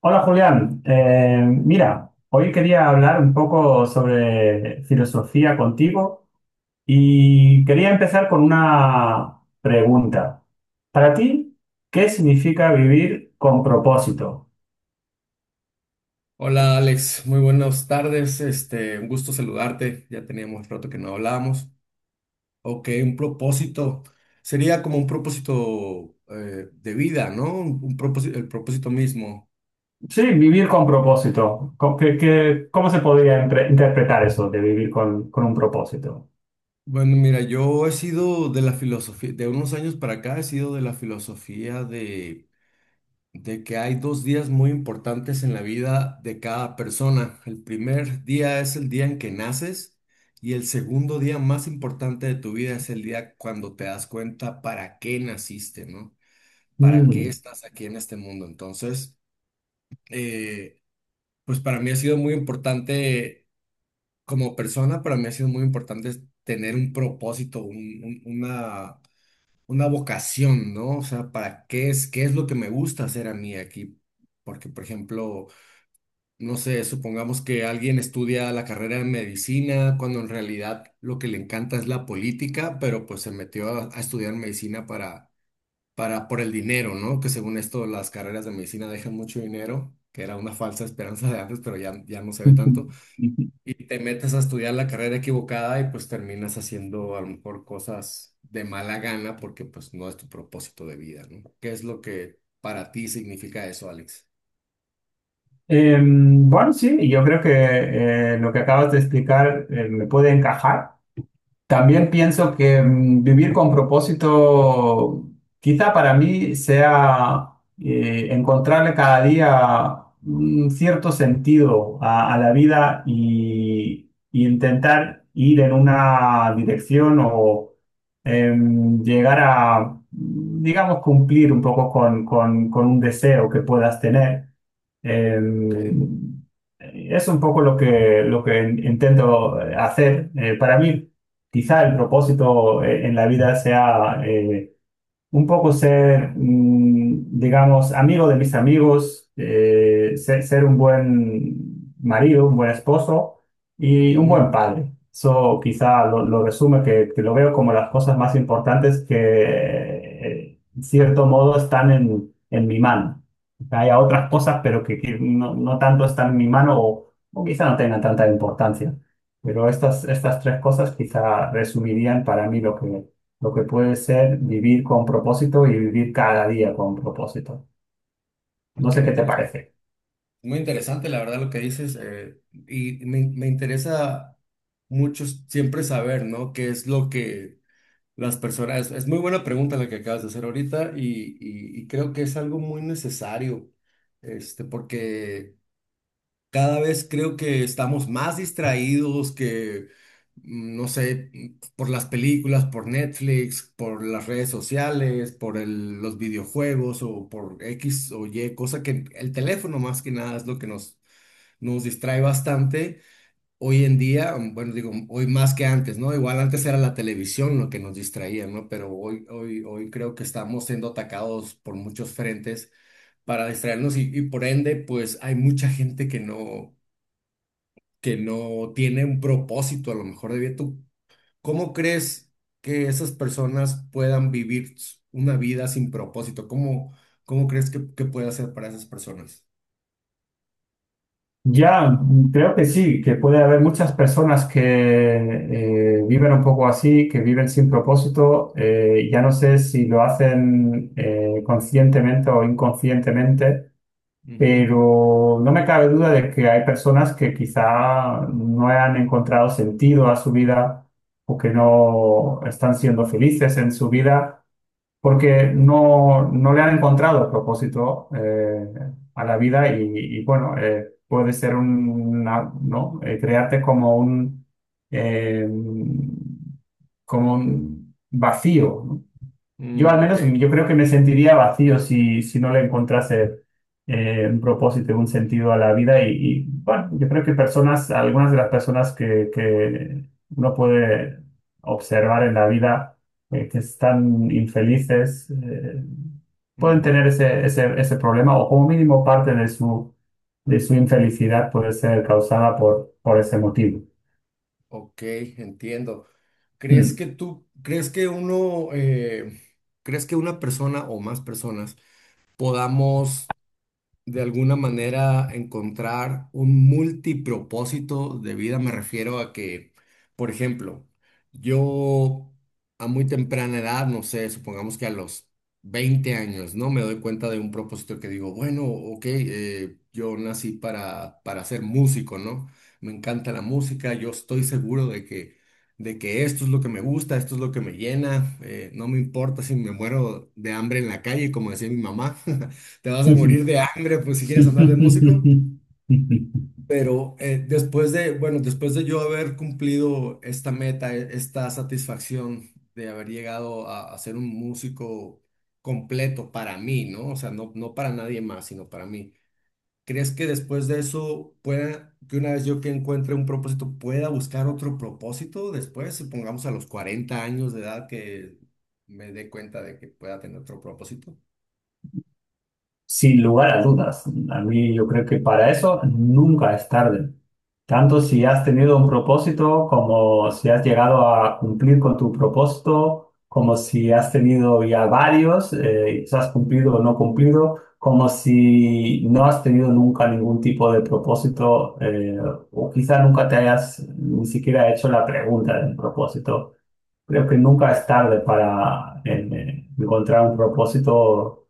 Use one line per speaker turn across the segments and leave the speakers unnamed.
Hola Julián, mira, hoy quería hablar un poco sobre filosofía contigo y quería empezar con una pregunta. Para ti, ¿qué significa vivir con propósito?
Hola Alex, muy buenas tardes. Este, un gusto saludarte. Ya teníamos rato que no hablábamos. Ok, un propósito. Sería como un propósito de vida, ¿no? Un, propósito, el propósito mismo.
Sí, vivir con propósito. Cómo se podría interpretar eso de vivir con un propósito?
Bueno, mira, yo he sido de la filosofía, de unos años para acá he sido de la filosofía de que hay dos días muy importantes en la vida de cada persona. El primer día es el día en que naces y el segundo día más importante de tu vida es el día cuando te das cuenta para qué naciste, ¿no? ¿Para qué
Mm.
estás aquí en este mundo? Entonces, eh, pues para mí ha sido muy importante como persona, para mí ha sido muy importante tener un propósito, una... Una vocación, ¿no? O sea, ¿para qué es lo que me gusta hacer a mí aquí? Porque, por ejemplo, no sé, supongamos que alguien estudia la carrera de medicina cuando en realidad lo que le encanta es la política, pero pues se metió a estudiar medicina para, por el dinero, ¿no? Que según esto las carreras de medicina dejan mucho dinero, que era una falsa esperanza de antes, pero ya, ya no se ve tanto. Y te metes a estudiar la carrera equivocada y pues terminas haciendo a lo mejor cosas de mala gana porque pues no es tu propósito de vida, ¿no? ¿Qué es lo que para ti significa eso, Alex?
Bueno, sí, yo creo que lo que acabas de explicar me puede encajar. También pienso que vivir con propósito, quizá para mí sea encontrarle cada día un cierto sentido a la vida y intentar ir en una dirección o llegar a, digamos, cumplir un poco con un deseo que puedas tener.
Ok.
Em, es un poco lo que intento hacer. Para mí, quizá el propósito en la vida sea un poco ser, digamos, amigo de mis amigos, ser un buen marido, un buen esposo y un
Ujú.
buen padre. Eso quizá lo resume, que lo veo como las cosas más importantes que, en cierto modo, están en mi mano. Hay otras
Ok,
cosas, pero que no, no tanto están en mi mano o quizá no tengan tanta importancia. Pero estas tres cosas quizá resumirían para mí lo que puede ser vivir con propósito y vivir cada día con propósito. No
ok,
sé qué te
es
parece.
muy interesante, la verdad, lo que dices. Y me interesa mucho siempre saber, ¿no? ¿Qué es lo que las personas... es muy buena pregunta la que acabas de hacer ahorita y, y creo que es algo muy necesario, este, porque... Cada vez creo que estamos más distraídos que, mm, no sé, mm, por las películas, por Netflix, por las redes sociales, por los videojuegos o por X o Y, cosa que el teléfono más que nada es lo que nos, nos distrae bastante. Hoy en día, mm, bueno, digo, hoy más que antes, ¿no? Igual antes era la televisión lo que nos distraía, ¿no? Pero hoy creo que estamos siendo atacados por muchos frentes para distraernos y por ende, pues hay mucha gente que no tiene un propósito a lo mejor de vida. ¿Tú cómo crees que esas personas puedan vivir s- una vida sin propósito? ¿Cómo, cómo crees que puede hacer para esas personas?
Ya, creo que sí, que puede haber muchas personas que viven un poco así, que viven sin propósito. Ya no sé si lo hacen conscientemente o inconscientemente,
Ujú.
pero no me cabe duda de que hay personas que quizá no han encontrado sentido a su vida o que no están siendo felices en su vida porque no le han encontrado propósito a la vida y, bueno, puede ser un, una, ¿no? Crearte eh, como un vacío, ¿no? Yo al
Mm, ok.
menos, yo creo que me sentiría vacío si no le encontrase un propósito, un sentido a la vida. Y, bueno, yo creo que personas, algunas de las personas que uno puede observar en la vida que están infelices, pueden
Ujú.
tener ese problema o como mínimo parte de su infelicidad puede ser causada por ese motivo.
Ok, entiendo. ¿Crees que tú, crees que uno, crees que una persona o más personas podamos de alguna manera encontrar un multipropósito de vida. Me refiero a que, por ejemplo, yo a muy temprana edad, no sé, supongamos que a los 20 años, ¿no? Me doy cuenta de un propósito que digo, bueno, ok, yo nací para ser músico, ¿no? Me encanta la música, yo estoy seguro de que esto es lo que me gusta, esto es lo que me llena, no me importa si me muero de hambre en la calle, como decía mi mamá. Te vas a
Mm.
morir de hambre, pues si quieres andar de músico. Pero después de, bueno, después de yo haber cumplido esta meta, e- esta satisfacción de haber llegado a ser un músico completo para mí, ¿no? O sea, no, no para nadie más, sino para mí. ¿Crees que después de eso pueda, que una vez yo que encuentre un propósito, pueda buscar otro propósito después? Supongamos a los 40 años de edad que me dé cuenta de que pueda tener otro propósito.
Sin lugar a dudas, a mí yo creo que para eso nunca es tarde. Tanto si has tenido un propósito, como si has llegado a cumplir con tu propósito, como si has tenido ya varios, y si has cumplido o no cumplido, como si no has tenido nunca ningún tipo de propósito, o quizá nunca te hayas ni siquiera hecho la pregunta del propósito. Creo que nunca
Sí.
es tarde para encontrar un propósito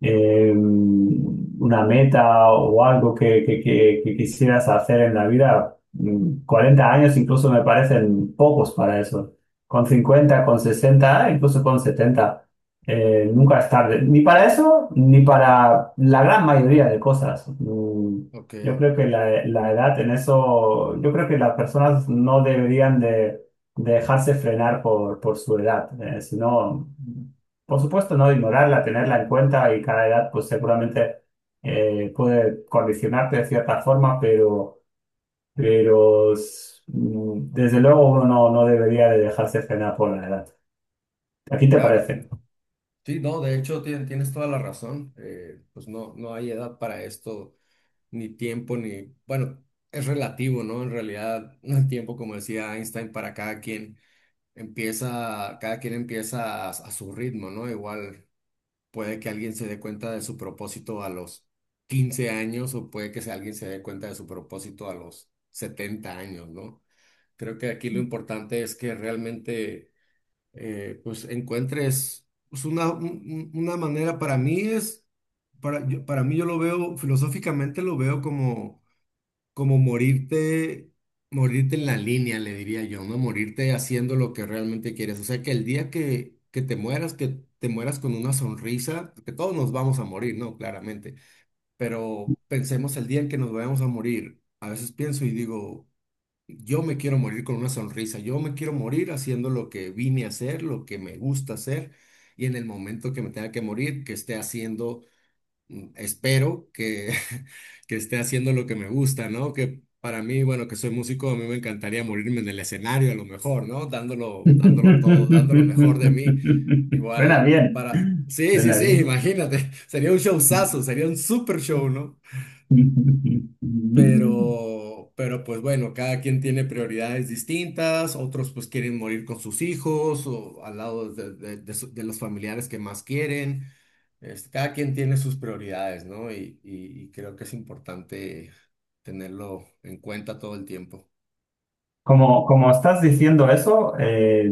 una meta o algo que quisieras hacer en la vida, 40 años incluso me parecen pocos para eso. Con 50 con 60 incluso con 70 nunca es tarde. Ni para eso, ni para la gran mayoría de cosas.
Ok,
Yo creo que la edad en eso, yo creo que las personas no deberían de dejarse frenar por su edad, sino por supuesto, no ignorarla, tenerla en cuenta y cada edad pues seguramente puede condicionarte de cierta forma, pero, desde luego uno no, no debería de dejarse frenar por la edad. ¿A ti te
claro,
parece?
te, sí, no, de hecho tien- tienes toda la razón. Pues no, no hay edad para esto, ni tiempo, ni... Bueno, es relativo, ¿no? En realidad, el tiempo, como decía Einstein, para cada quien empieza a su ritmo, ¿no? Igual puede que alguien se dé cuenta de su propósito a los 15 años o puede que sea alguien se dé cuenta de su propósito a los 70 años, ¿no? Creo que aquí lo importante es que realmente pues encuentres pues, una, una manera, para mí es, para, yo- para mí yo lo veo, filosóficamente lo veo como, como morirte, morirte en la línea, le diría yo, ¿no? Morirte haciendo lo que realmente quieres. O sea, que el día que te mueras con una sonrisa, porque todos nos vamos a morir, ¿no? Claramente, pero pensemos el día en que nos vayamos a morir. A veces pienso y digo... Yo me quiero morir con una sonrisa, yo me quiero morir haciendo lo que vine a hacer, lo que me gusta hacer, y en el momento que me tenga que morir, que esté haciendo, espero que, que esté haciendo lo que me gusta, ¿no? Que para mí, bueno, que soy músico, a mí me encantaría morirme en el escenario a lo mejor, ¿no? Dándolo, dándolo todo, dando lo mejor de mí.
Suena
Igual,
bien,
para... Sí, sí,
suena
sí,
bien.
imagínate, sería un showzazo, sería un super show, ¿no? Pero pues bueno, cada quien tiene prioridades distintas, otros pues quieren morir con sus hijos o al lado de, de de los familiares que más quieren. Este, cada quien tiene sus prioridades, ¿no? Y, y creo que es importante tenerlo en cuenta todo el tiempo.
Como estás diciendo eso,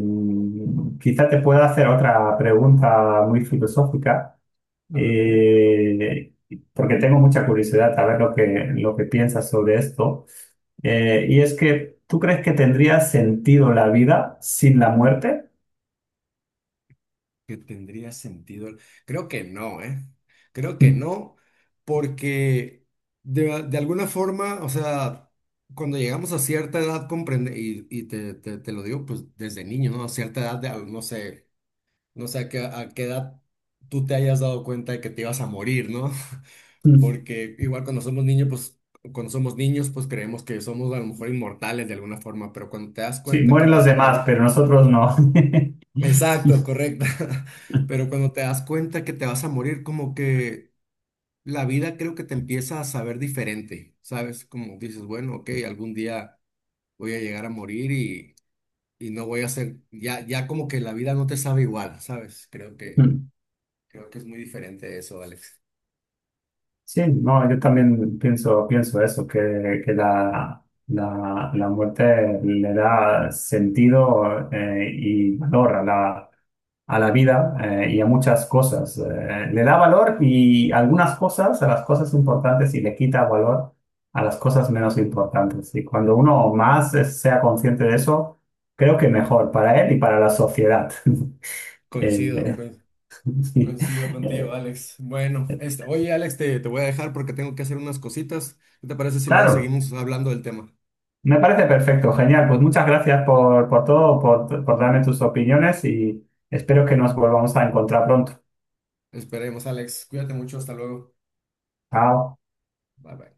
quizá te pueda hacer otra pregunta muy filosófica,
A ver, dime.
eh, porque tengo mucha curiosidad a ver lo que piensas sobre esto. Y es que, ¿tú crees que tendría sentido la vida sin la muerte?
Que tendría sentido. Creo que no, ¿eh? Creo que no, porque de alguna forma, o sea, cuando llegamos a cierta edad, comprende, y te, te lo digo pues desde niño, ¿no? A cierta edad, de- no sé, no sé a qué edad tú te hayas dado cuenta de que te ibas a morir, ¿no? Porque igual cuando somos niños, pues cuando somos niños, pues creemos que somos a lo mejor inmortales de alguna forma, pero cuando te das
Sí,
cuenta que
mueren los
vas a
demás,
morir,
pero nosotros no.
exacto, correcta. Pero cuando te das cuenta que te vas a morir, como que la vida creo que te empieza a saber diferente, ¿sabes? Como dices, bueno, ok, algún día voy a llegar a morir y no voy a ser, ya, ya como que la vida no te sabe igual, ¿sabes? Creo que es muy diferente eso, Alex.
Sí, no, yo también pienso, pienso eso, que la muerte le da sentido y valor a la vida y a muchas cosas. Le da valor y algunas cosas, a las cosas importantes, y le quita valor a las cosas menos importantes. Y cuando uno más sea consciente de eso, creo que mejor para él y para la sociedad. Eh,
Coincido,
eh,
coin-
sí.
coincido contigo,
Eh,
Alex. Bueno, este, oye, Alex, te voy a dejar porque tengo que hacer unas cositas. ¿Qué te parece si luego
claro.
seguimos hablando del tema?
Me parece perfecto, genial. Pues muchas gracias por todo, por darme tus opiniones y espero que nos volvamos a encontrar pronto.
Esperemos, Alex. Cuídate mucho, hasta luego.
Chao.
Bye bye.